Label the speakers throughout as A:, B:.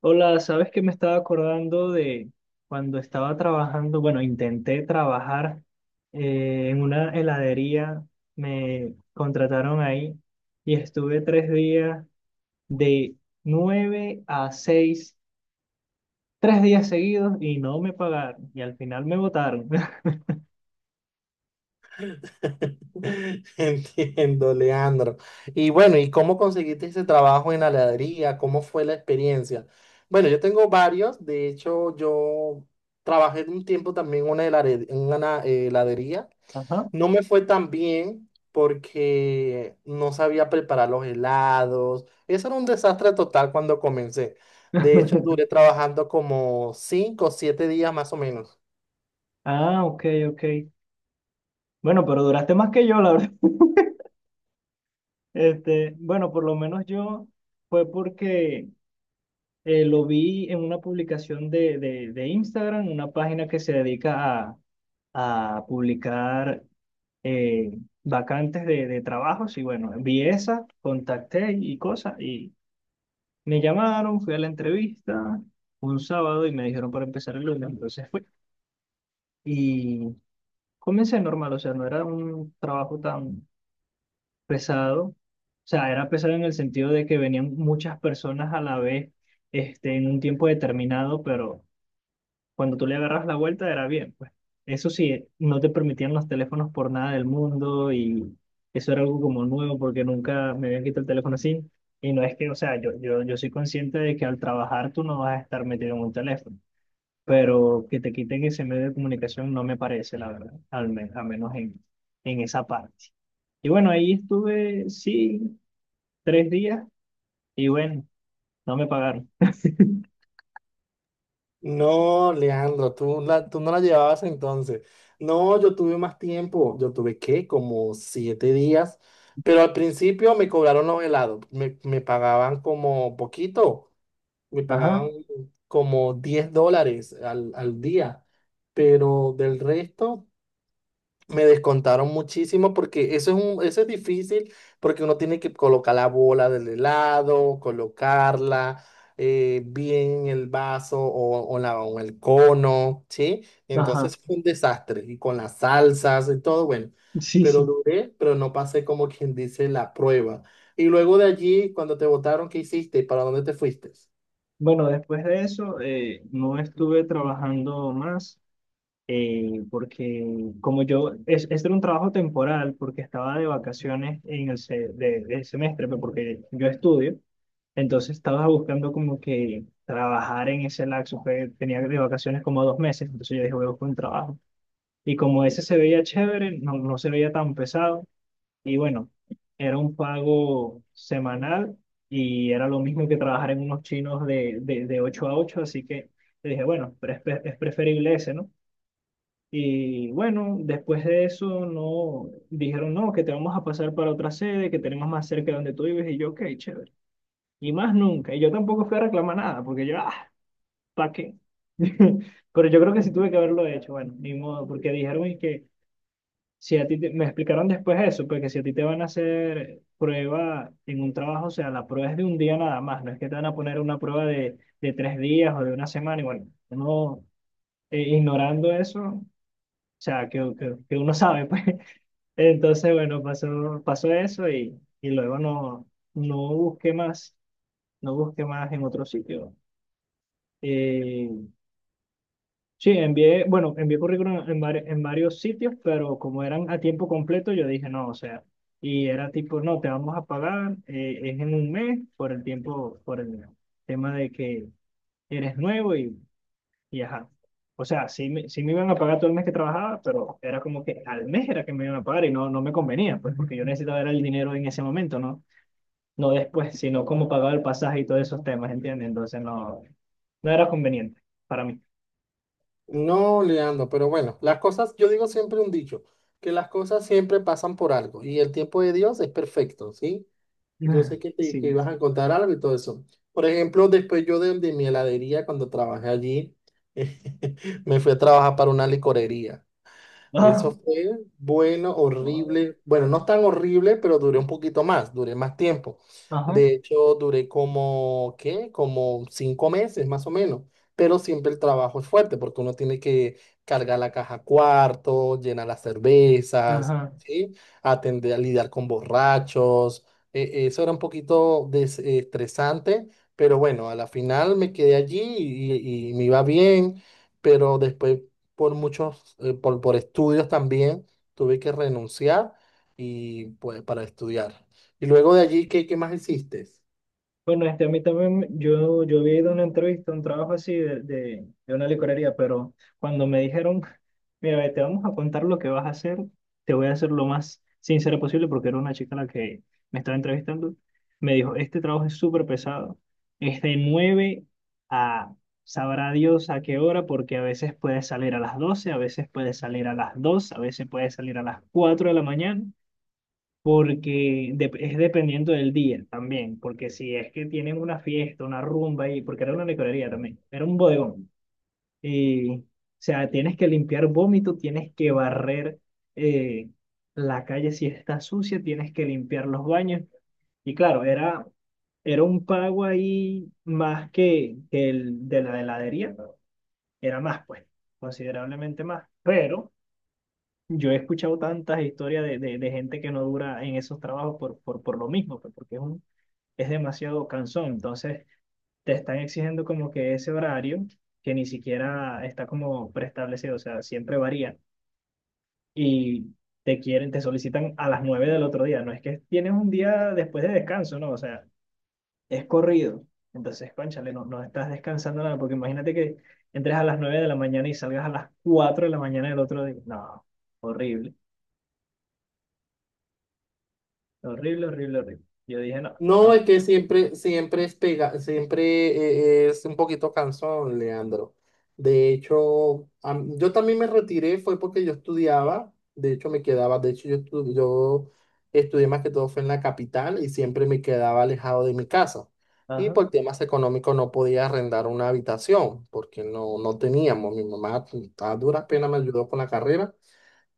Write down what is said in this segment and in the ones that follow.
A: Hola, ¿sabes que me estaba acordando de cuando estaba trabajando? Bueno, intenté trabajar en una heladería, me contrataron ahí y estuve 3 días de 9 a 6, 3 días seguidos y no me pagaron y al final me botaron.
B: Entiendo, Leandro. Y bueno, ¿y cómo conseguiste ese trabajo en la heladería? ¿Cómo fue la experiencia? Bueno, yo tengo varios. De hecho, yo trabajé un tiempo también en una en una heladería.
A: Ajá.
B: No me fue tan bien porque no sabía preparar los helados. Eso era un desastre total cuando comencé. De hecho, duré trabajando como 5 o 7 días más o menos.
A: Ah, ok, ok. Bueno, pero duraste más que yo, la verdad. Este, bueno, por lo menos yo fue porque lo vi en una publicación de Instagram, una página que se dedica a publicar eh, vacantes de trabajos. Y bueno, vi esa, contacté y cosas. Y me llamaron, fui a la entrevista un sábado y me dijeron para empezar el lunes. Entonces fui. Y comencé normal, o sea, no era un trabajo tan pesado. O sea, era pesado en el sentido de que venían muchas personas a la vez este, en un tiempo determinado, pero cuando tú le agarras la vuelta era bien, pues. Eso sí, no te permitían los teléfonos por nada del mundo y eso era algo como nuevo porque nunca me habían quitado el teléfono así. Y no es que, o sea, yo soy consciente de que al trabajar tú no vas a estar metido en un teléfono, pero que te quiten ese medio de comunicación no me parece, la verdad, a menos en esa parte. Y bueno, ahí estuve, sí, tres días y bueno, no me pagaron.
B: No, Leandro, tú no la llevabas entonces. No, yo tuve más tiempo. Yo tuve, ¿qué? Como 7 días. Pero al principio me cobraron los helados. Me pagaban como poquito. Me pagaban
A: Ajá,
B: como $10 al día. Pero del resto, me descontaron muchísimo porque eso es difícil porque uno tiene que colocar la bola del lado, colocarla bien en el vaso o el cono, ¿sí?
A: ajá,
B: Entonces fue un desastre y con las salsas y todo, bueno,
A: sí,
B: pero
A: sí.
B: duré, pero no pasé, como quien dice, la prueba. Y luego de allí, cuando te votaron, ¿qué hiciste? ¿Para dónde te fuiste?
A: Bueno, después de eso no estuve trabajando más porque como yo, este era un trabajo temporal porque estaba de vacaciones en del semestre, pero porque yo estudio, entonces estaba buscando como que trabajar en ese lapso, que tenía de vacaciones como 2 meses, entonces yo dije voy a buscar un trabajo. Y como ese se veía chévere, no, no se veía tan pesado, y bueno, era un pago semanal y era lo mismo que trabajar en unos chinos de 8 a 8 así que le dije, bueno, pero es preferible ese, ¿no? Y bueno, después de eso, no, dijeron, no, que te vamos a pasar para otra sede, que tenemos más cerca de donde tú vives, y yo, ok, chévere. Y más nunca, y yo tampoco fui a reclamar nada, porque yo, ah, ¿para qué? Pero yo creo que sí tuve que haberlo hecho, bueno, ni modo, porque dijeron y que si a ti me explicaron después eso, porque si a ti te van a hacer prueba en un trabajo, o sea, la prueba es de un día nada más, no es que te van a poner una prueba de 3 días o de una semana, y bueno, uno ignorando eso, o sea, que uno sabe, pues. Entonces, bueno, pasó, pasó eso y luego no, no busqué más, no busqué más en otro sitio. Eh, Sí, envié, bueno, envié currículum en varios sitios, pero como eran a tiempo completo, yo dije no, o sea, y era tipo, no, te vamos a pagar, es en un mes por el tiempo, por el tema de que eres nuevo y ajá. O sea, sí me iban a pagar todo el mes que trabajaba, pero era como que al mes era que me iban a pagar y no, no me convenía, pues porque yo necesitaba era el dinero en ese momento, ¿no? No después, sino como pagaba el pasaje y todos esos temas, ¿entiendes? Entonces no, no era conveniente para mí.
B: No, Leandro, pero bueno, las cosas, yo digo siempre un dicho, que las cosas siempre pasan por algo y el tiempo de Dios es perfecto, ¿sí? Yo sé que te que
A: Sí.
B: ibas a contar algo y todo eso. Por ejemplo, después yo de mi heladería, cuando trabajé allí, me fui a trabajar para una licorería. Eso fue bueno,
A: Ajá,
B: horrible. Bueno, no tan horrible, pero duré un poquito más, duré más tiempo. De hecho, duré como, ¿qué? Como 5 meses más o menos. Pero siempre el trabajo es fuerte porque uno tiene que cargar la caja cuarto, llenar las cervezas,
A: ajá.
B: ¿sí? Atender a lidiar con borrachos. Eso era un poquito estresante, pero bueno, a la final me quedé allí y me iba bien, pero después por muchos, por estudios también, tuve que renunciar y pues para estudiar. Y luego de allí, ¿qué más hiciste?
A: Bueno, este, a mí también, yo había ido a una entrevista, un trabajo así de una licorería, pero cuando me dijeron, mira, ve, te vamos a contar lo que vas a hacer, te voy a hacer lo más sincera posible, porque era una chica la que me estaba entrevistando, me dijo, este trabajo es súper pesado, es de 9 a, sabrá Dios a qué hora, porque a veces puedes salir a las 12 a veces puedes salir a las 2 a veces puedes salir a las 4 de la mañana, porque es dependiendo del día también, porque si es que tienen una fiesta, una rumba, y, porque era una licorería también, era un bodegón, y, o sea, tienes que limpiar vómito, tienes que barrer eh, la calle si está sucia, tienes que limpiar los baños, y claro, era un pago ahí más que el de la heladería, era más, pues, considerablemente más, pero. Yo he escuchado tantas historias de gente que no dura en esos trabajos por lo mismo, pues, porque es demasiado cansón. Entonces, te están exigiendo como que ese horario que ni siquiera está como preestablecido, o sea, siempre varía. Y te solicitan a las 9 del otro día. No es que tienes un día después de descanso, no, o sea, es corrido. Entonces, cónchale, no, no estás descansando nada, porque imagínate que entres a las 9 de la mañana y salgas a las 4 de la mañana del otro día. No, horrible. Horrible, horrible, horrible. Yo dije, no,
B: No,
A: no.
B: es que siempre, siempre es pega, siempre es un poquito cansón, Leandro. De hecho, yo también me retiré, fue porque yo estudiaba, de hecho me quedaba, de hecho yo estudié más que todo fue en la capital y siempre me quedaba alejado de mi casa. Y
A: Ajá.
B: por temas económicos no podía arrendar una habitación, porque no, no teníamos. Mi mamá a duras penas me ayudó con la carrera,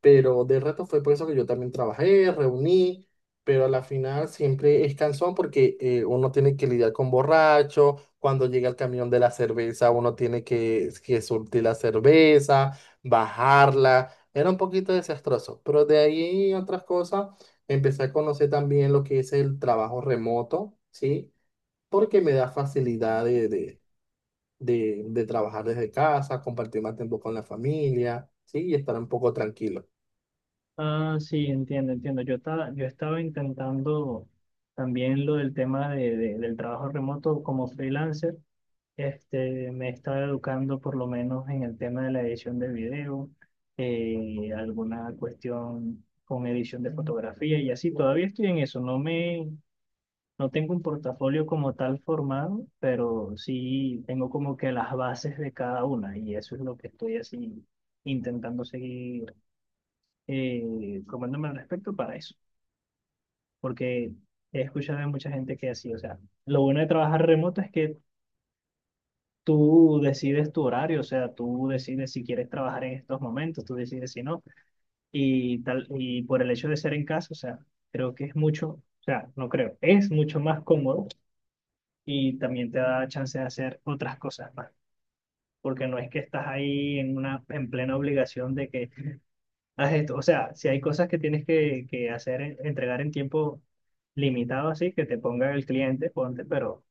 B: pero de resto fue por eso que yo también trabajé, reuní, pero a la final siempre es cansón porque uno tiene que lidiar con borracho, cuando llega el camión de la cerveza uno tiene que surtir la cerveza, bajarla, era un poquito desastroso, pero de ahí otras cosas, empecé a conocer también lo que es el trabajo remoto, ¿sí? Porque me da facilidad de trabajar desde casa, compartir más tiempo con la familia, ¿sí? Y estar un poco tranquilo.
A: Ah, sí, entiendo, entiendo. Yo estaba intentando también lo del tema de, del trabajo remoto como freelancer. Este, me estaba educando por lo menos en el tema de la edición de video, alguna cuestión con edición de fotografía y así. Todavía estoy en eso. No tengo un portafolio como tal formado, pero sí tengo como que las bases de cada una y eso es lo que estoy así intentando seguir formándome al respecto para eso, porque he escuchado de mucha gente que así, o sea, lo bueno de trabajar remoto es que tú decides tu horario, o sea, tú decides si quieres trabajar en estos momentos, tú decides si no, y tal, y por el hecho de ser en casa, o sea, creo que es mucho, o sea, no creo, es mucho más cómodo y también te da chance de hacer otras cosas más, porque no es que estás ahí en plena obligación de que haz esto, o sea, si hay cosas que tienes que hacer, entregar en tiempo limitado así, que te ponga el cliente, ponte, pero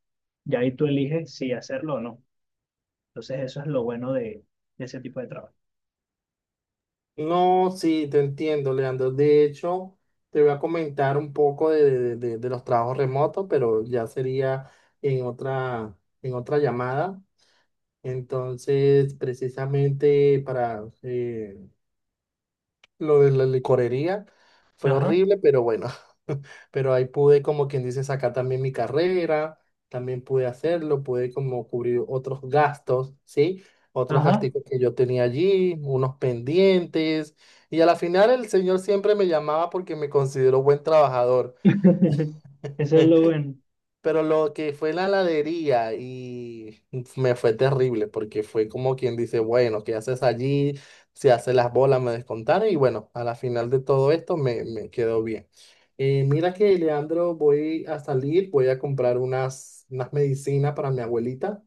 A: ya ahí tú eliges si hacerlo o no. Entonces eso es lo bueno de ese tipo de trabajo.
B: No, sí, te entiendo, Leandro. De hecho, te voy a comentar un poco de, de los trabajos remotos, pero ya sería en otra, en otra llamada. Entonces, precisamente para lo de la licorería, fue
A: Ajá,
B: horrible, pero bueno, pero ahí pude, como quien dice, sacar también mi carrera, también pude hacerlo, pude como cubrir otros gastos, ¿sí? Otros
A: ajá.
B: gasticos que yo tenía allí, unos pendientes, y a la final el señor siempre me llamaba porque me consideró buen trabajador.
A: Eso es lo bueno.
B: Pero lo que fue la heladería y me fue terrible porque fue como quien dice, bueno, ¿qué haces allí? Se hace las bolas, me descontaron y bueno, a la final de todo esto me quedó bien. Mira que, Leandro, voy a salir, voy a comprar unas, unas medicinas para mi abuelita.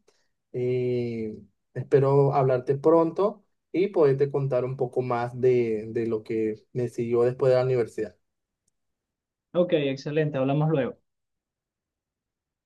B: Eh, espero hablarte pronto y poderte contar un poco más de lo que me siguió después de la universidad.
A: Ok, excelente, hablamos luego.